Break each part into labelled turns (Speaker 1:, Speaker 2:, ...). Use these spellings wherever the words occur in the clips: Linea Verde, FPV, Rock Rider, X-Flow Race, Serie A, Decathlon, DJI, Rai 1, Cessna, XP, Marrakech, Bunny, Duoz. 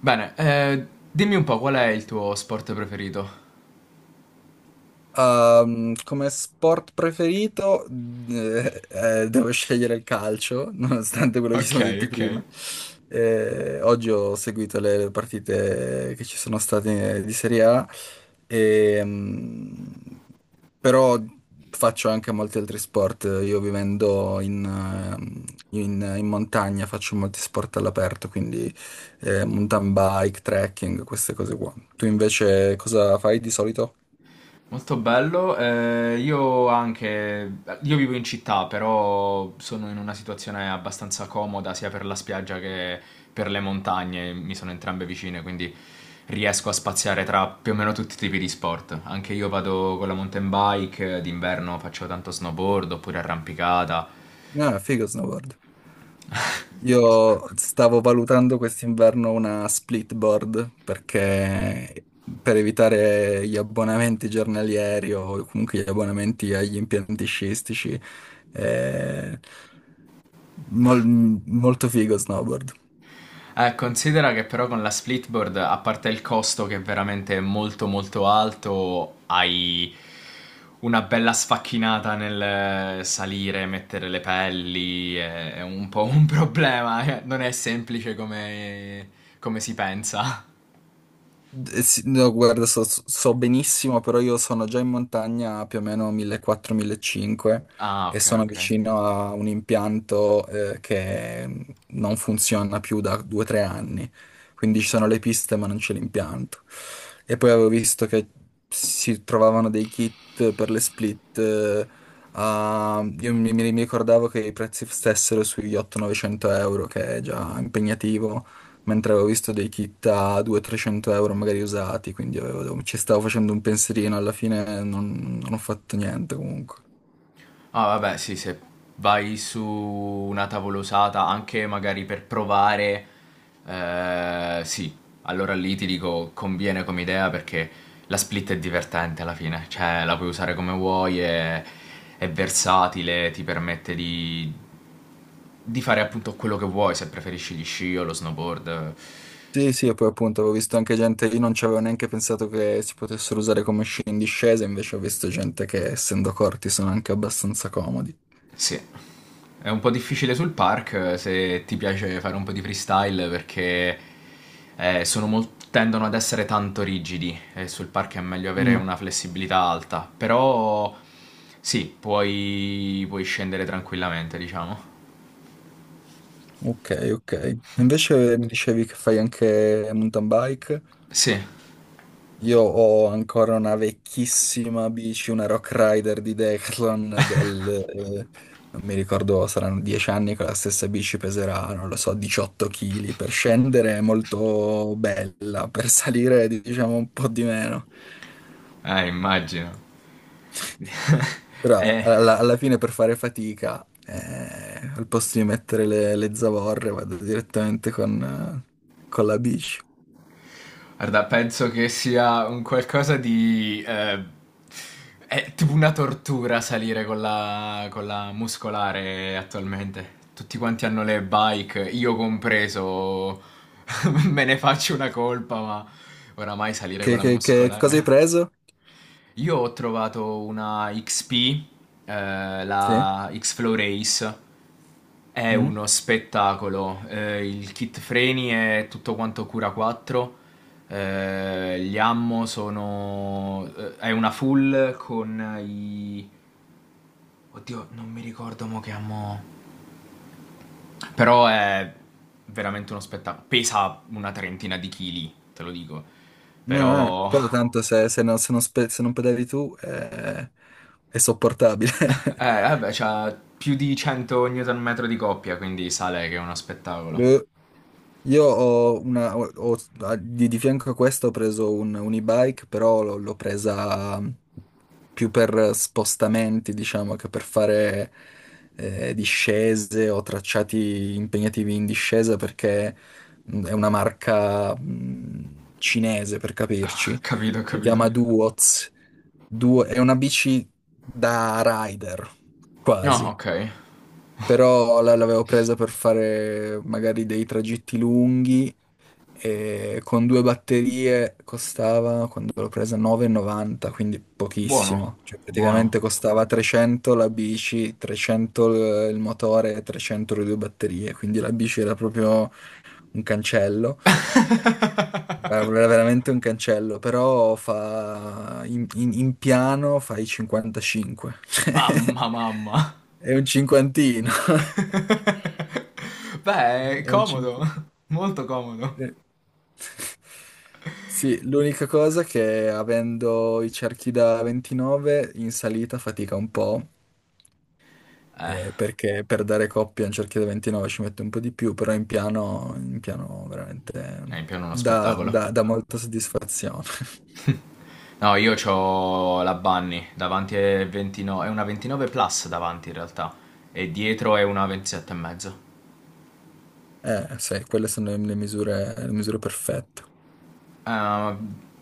Speaker 1: Bene, dimmi un po' qual è il tuo sport preferito?
Speaker 2: Come sport preferito, devo scegliere il calcio, nonostante quello che ci
Speaker 1: Ok,
Speaker 2: siamo detti
Speaker 1: ok.
Speaker 2: prima. Oggi ho seguito le partite che ci sono state di Serie A, ehm, però faccio anche molti altri sport. Io vivendo in montagna faccio molti sport all'aperto, quindi mountain bike, trekking, queste cose qua. Tu invece cosa fai di solito?
Speaker 1: Molto bello, io anche, io vivo in città, però sono in una situazione abbastanza comoda sia per la spiaggia che per le montagne, mi sono entrambe vicine, quindi riesco a spaziare tra più o meno tutti i tipi di sport. Anche io vado con la mountain bike, d'inverno faccio tanto snowboard oppure arrampicata.
Speaker 2: Ah, figo snowboard. Io stavo valutando quest'inverno una split board perché per evitare gli abbonamenti giornalieri o comunque gli abbonamenti agli impianti sciistici, è mol- molto figo snowboard.
Speaker 1: Considera che però con la splitboard, a parte il costo che è veramente molto molto alto, hai una bella sfacchinata nel salire, mettere le pelli, è un po' un problema, non è semplice come si pensa.
Speaker 2: Eh sì, no, guarda, so benissimo, però io sono già in montagna più o meno 1400-1500
Speaker 1: Ah,
Speaker 2: e
Speaker 1: ok,
Speaker 2: sono
Speaker 1: ok.
Speaker 2: vicino a un impianto, che non funziona più da 2-3 anni. Quindi ci sono le piste, ma non c'è l'impianto. E poi avevo visto che si trovavano dei kit per le split. Io mi ricordavo che i prezzi stessero sugli 800-900 euro, che è già impegnativo, mentre avevo visto dei kit a 200-300 euro magari usati, quindi ci stavo facendo un pensierino. Alla fine non ho fatto niente comunque.
Speaker 1: Ah, vabbè, sì, se vai su una tavolosata anche magari per provare, sì, allora lì ti dico conviene come idea perché la split è divertente alla fine, cioè la puoi usare come vuoi, è versatile, ti permette di fare appunto quello che vuoi, se preferisci gli sci o lo snowboard.
Speaker 2: Sì, sì, e poi appunto avevo visto anche gente. Io non ci avevo neanche pensato che si potessero usare come sci in discesa, invece ho visto gente che, essendo corti, sono anche abbastanza comodi.
Speaker 1: Sì. È un po' difficile sul park se ti piace fare un po' di freestyle perché tendono ad essere tanto rigidi e sul park è meglio avere
Speaker 2: Mm,
Speaker 1: una flessibilità alta, però sì, puoi scendere tranquillamente, diciamo.
Speaker 2: ok, ok. Invece mi dicevi che fai anche mountain bike?
Speaker 1: Sì,
Speaker 2: Io ho ancora una vecchissima bici, una Rock Rider di Decathlon del, non mi ricordo, saranno 10 anni. Con la stessa bici peserà, non lo so, 18 kg. Per scendere è molto bella, per salire è, diciamo, un po' di meno.
Speaker 1: immagino.
Speaker 2: Però
Speaker 1: Eh.
Speaker 2: alla fine per fare fatica, al posto di mettere le zavorre, vado direttamente con la bici.
Speaker 1: Guarda, penso che sia un qualcosa di. È tipo una tortura salire con la muscolare attualmente. Tutti quanti hanno le bike, io compreso, me ne faccio una colpa, ma oramai salire con
Speaker 2: Che,
Speaker 1: la
Speaker 2: che- che cosa hai
Speaker 1: muscolare.
Speaker 2: preso?
Speaker 1: Io ho trovato una XP,
Speaker 2: Sì?
Speaker 1: la X-Flow Race, è
Speaker 2: Mm?
Speaker 1: uno spettacolo. Il kit freni è tutto quanto cura 4. Gli ammo sono. È una full con i. Oddio, non mi ricordo mo che ammo. Però è veramente uno spettacolo. Pesa una trentina di chili, te lo dico.
Speaker 2: No,
Speaker 1: Però.
Speaker 2: però tanto se non pedali tu, è sopportabile.
Speaker 1: Vabbè, c'ha più di 100 Nm di coppia, quindi sale che è uno spettacolo.
Speaker 2: Io ho una, di fianco a questo ho preso un e-bike, però l'ho presa, più per spostamenti, diciamo, che per fare discese o tracciati impegnativi in discesa, perché è una marca, cinese, per capirci.
Speaker 1: Capito,
Speaker 2: Si
Speaker 1: capito.
Speaker 2: chiama Duoz. È una bici da rider,
Speaker 1: No,
Speaker 2: quasi.
Speaker 1: ok.
Speaker 2: Però l'avevo presa per fare magari dei tragitti lunghi, e con due batterie costava, quando l'ho presa, 9,90, quindi
Speaker 1: Buono,
Speaker 2: pochissimo. Cioè
Speaker 1: buono.
Speaker 2: praticamente costava 300 la bici, 300 il motore e 300 le due batterie, quindi la bici era proprio un cancello. Era veramente un cancello, però fa, in piano fai 55.
Speaker 1: Mamma, mamma.
Speaker 2: È un cinquantino.
Speaker 1: Beh, è
Speaker 2: È un
Speaker 1: comodo,
Speaker 2: cinquantino.
Speaker 1: molto comodo.
Speaker 2: Sì. Sì, l'unica cosa è che avendo i cerchi da 29 in salita fatica un po',
Speaker 1: Eh,
Speaker 2: perché per dare coppia a un cerchio da 29 ci mette un po' di più, però in piano
Speaker 1: è
Speaker 2: veramente
Speaker 1: in pieno uno
Speaker 2: dà, dà-
Speaker 1: spettacolo.
Speaker 2: dà molta soddisfazione.
Speaker 1: No, io ho la Bunny davanti è 29, è una 29 plus davanti in realtà e dietro è una 27 e mezzo.
Speaker 2: Sì, quelle sono le misure perfette.
Speaker 1: Ah,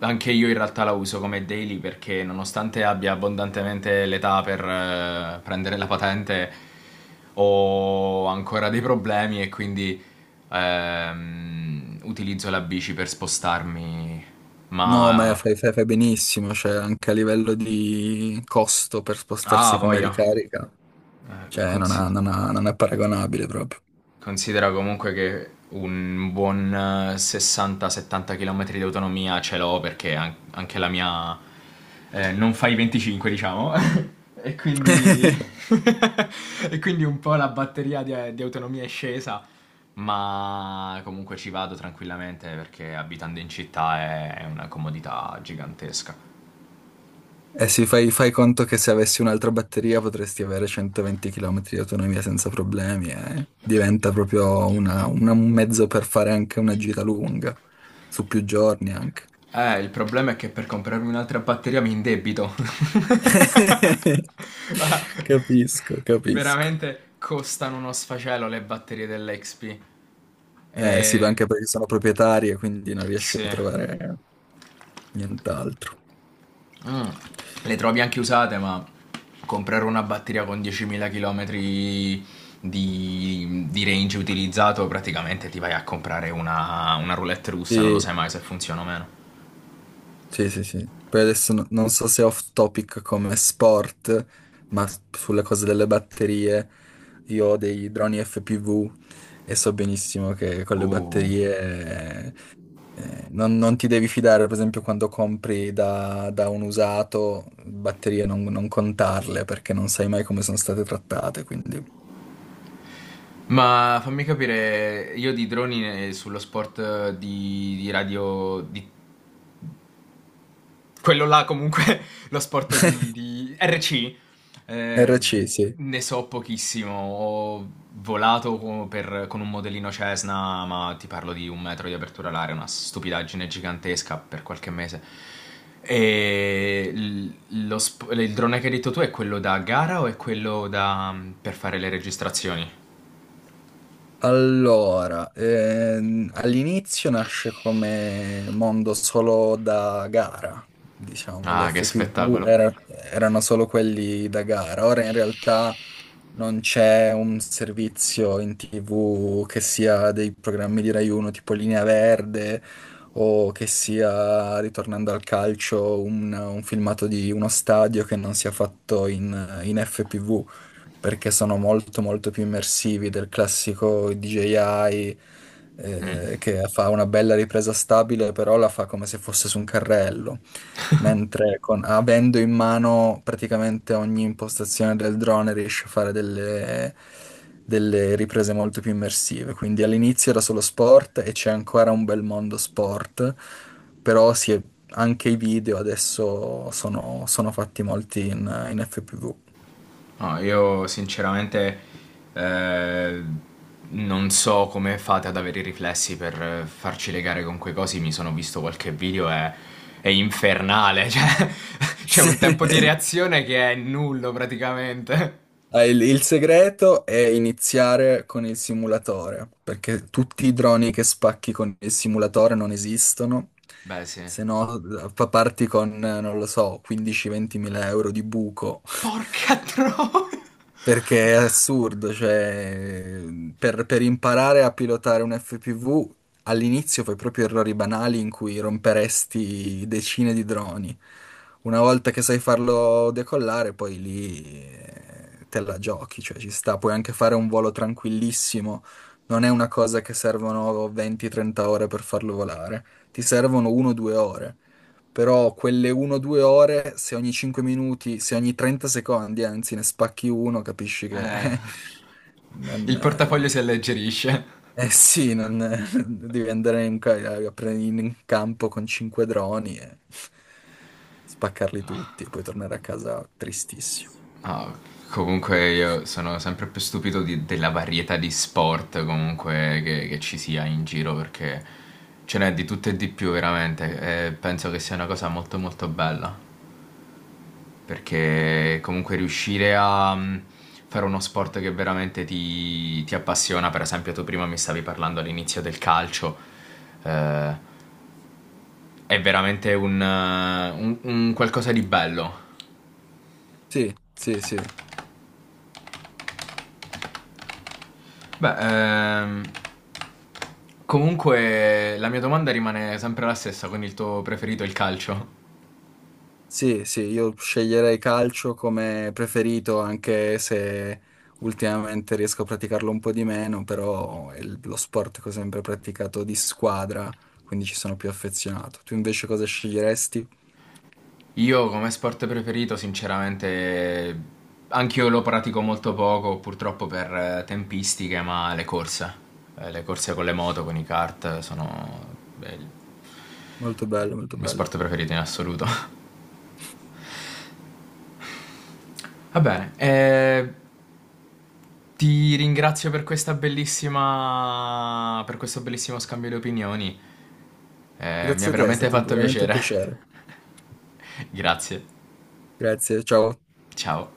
Speaker 1: anche io in realtà la uso come daily perché nonostante abbia abbondantemente l'età per prendere la patente, ho ancora dei problemi e quindi utilizzo la bici per spostarmi.
Speaker 2: No, ma
Speaker 1: Ma.
Speaker 2: fai benissimo, cioè anche a livello di costo per
Speaker 1: Ah,
Speaker 2: spostarsi come
Speaker 1: voglia.
Speaker 2: ricarica,
Speaker 1: Eh,
Speaker 2: cioè
Speaker 1: consi-
Speaker 2: non è paragonabile proprio.
Speaker 1: Considera comunque che un buon 60-70 km di autonomia ce l'ho perché anche la mia non fa i 25, diciamo. E quindi. E quindi un po' la batteria di autonomia è scesa. Ma comunque ci vado tranquillamente perché abitando in città è una comodità gigantesca.
Speaker 2: Eh sì, fai conto che se avessi un'altra batteria potresti avere 120 km di autonomia senza problemi, eh. Diventa proprio un mezzo per fare anche una gita lunga, su più giorni anche.
Speaker 1: Il problema è che per comprarmi un'altra batteria mi indebito. Ah.
Speaker 2: Capisco, capisco.
Speaker 1: Veramente costano uno sfacelo le batterie dell'XP.
Speaker 2: Eh sì, ma anche
Speaker 1: E.
Speaker 2: perché sono proprietarie, quindi non riesci a
Speaker 1: Sì.
Speaker 2: trovare nient'altro.
Speaker 1: Mm. Le trovi anche usate, ma comprare una batteria con 10.000 km di range utilizzato, praticamente ti vai a comprare una roulette russa, non lo
Speaker 2: Sì.
Speaker 1: sai mai se funziona o meno.
Speaker 2: Sì, sì, sì. Poi adesso non so se è off topic come sport, ma sulle cose delle batterie, io ho dei droni FPV e so benissimo che con le
Speaker 1: Uh.
Speaker 2: batterie, non ti devi fidare, per esempio, quando compri da, da un usato, batterie non contarle perché non sai mai come sono state trattate, quindi.
Speaker 1: Ma fammi capire, io di droni sullo sport di radio, di quello là comunque, lo sport di RC, eh,
Speaker 2: RC, sì.
Speaker 1: ne so pochissimo. Ho volato con un modellino Cessna, ma ti parlo di un metro di apertura all'aria, una stupidaggine gigantesca per qualche mese. E il drone che hai detto tu è quello da gara o è quello da, per fare le registrazioni?
Speaker 2: Allora, all'inizio nasce come mondo solo da gara, diciamo. Le
Speaker 1: Ah, che
Speaker 2: FPV
Speaker 1: spettacolo.
Speaker 2: erano solo quelli da gara. Ora in realtà non c'è un servizio in TV che sia dei programmi di Rai 1 tipo Linea Verde, o che sia, ritornando al calcio, un filmato di uno stadio che non sia fatto in FPV, perché sono molto molto più immersivi del classico DJI,
Speaker 1: Mm.
Speaker 2: che fa una bella ripresa stabile, però la fa come se fosse su un carrello, mentre avendo in mano praticamente ogni impostazione del drone riesce a fare delle riprese molto più immersive. Quindi all'inizio era solo sport e c'è ancora un bel mondo sport, però anche i video adesso sono fatti molti in FPV.
Speaker 1: No, io sinceramente eh, non so come fate ad avere i riflessi per farci legare con quei cosi. Mi sono visto qualche video e è infernale. Cioè, c'è un tempo di reazione che è nullo praticamente.
Speaker 2: Ah, il segreto è iniziare con il simulatore, perché tutti i droni che spacchi con il simulatore non esistono,
Speaker 1: Beh, sì.
Speaker 2: se no parti con, non lo so, 15-20 mila euro di buco.
Speaker 1: Porca troia!
Speaker 2: Perché è assurdo, cioè per imparare a pilotare un FPV all'inizio fai proprio errori banali in cui romperesti decine di droni. Una volta che sai farlo decollare, poi lì, te la giochi, cioè ci sta, puoi anche fare un volo tranquillissimo. Non è una cosa che servono 20-30 ore per farlo volare, ti servono 1-2 ore. Però quelle 1-2 ore, se ogni 5 minuti, se ogni 30 secondi, anzi, ne spacchi uno, capisci che
Speaker 1: Eh,
Speaker 2: non,
Speaker 1: il portafoglio si alleggerisce.
Speaker 2: eh sì, non, devi andare a prendere in campo con cinque droni e spaccarli tutti e poi tornare a casa tristissimo.
Speaker 1: Ah, comunque io sono sempre più stupito della varietà di sport comunque che ci sia in giro perché ce n'è di tutto e di più veramente e penso che sia una cosa molto molto bella perché comunque riuscire a fare uno sport che veramente ti appassiona, per esempio tu prima mi stavi parlando all'inizio del calcio, eh, è veramente un qualcosa di bello.
Speaker 2: Sì, sì, sì.
Speaker 1: Beh, ehm, comunque la mia domanda rimane sempre la stessa, quindi il tuo preferito è il calcio?
Speaker 2: Sì, sì, io sceglierei calcio come preferito, anche se ultimamente riesco a praticarlo un po' di meno, però è lo sport che ho sempre praticato di squadra, quindi ci sono più affezionato. Tu invece cosa sceglieresti?
Speaker 1: Io come sport preferito, sinceramente, anch'io lo pratico molto poco, purtroppo per tempistiche, ma le corse. Le corse con le moto, con i kart, sono beh, il
Speaker 2: Molto bello, molto
Speaker 1: mio
Speaker 2: bello.
Speaker 1: sport preferito in assoluto. Va bene, ti ringrazio per questa bellissima, per questo bellissimo scambio di opinioni. Mi ha
Speaker 2: Grazie a te, è
Speaker 1: veramente
Speaker 2: stato
Speaker 1: fatto
Speaker 2: veramente un
Speaker 1: piacere.
Speaker 2: piacere.
Speaker 1: Grazie.
Speaker 2: Grazie, ciao.
Speaker 1: Ciao.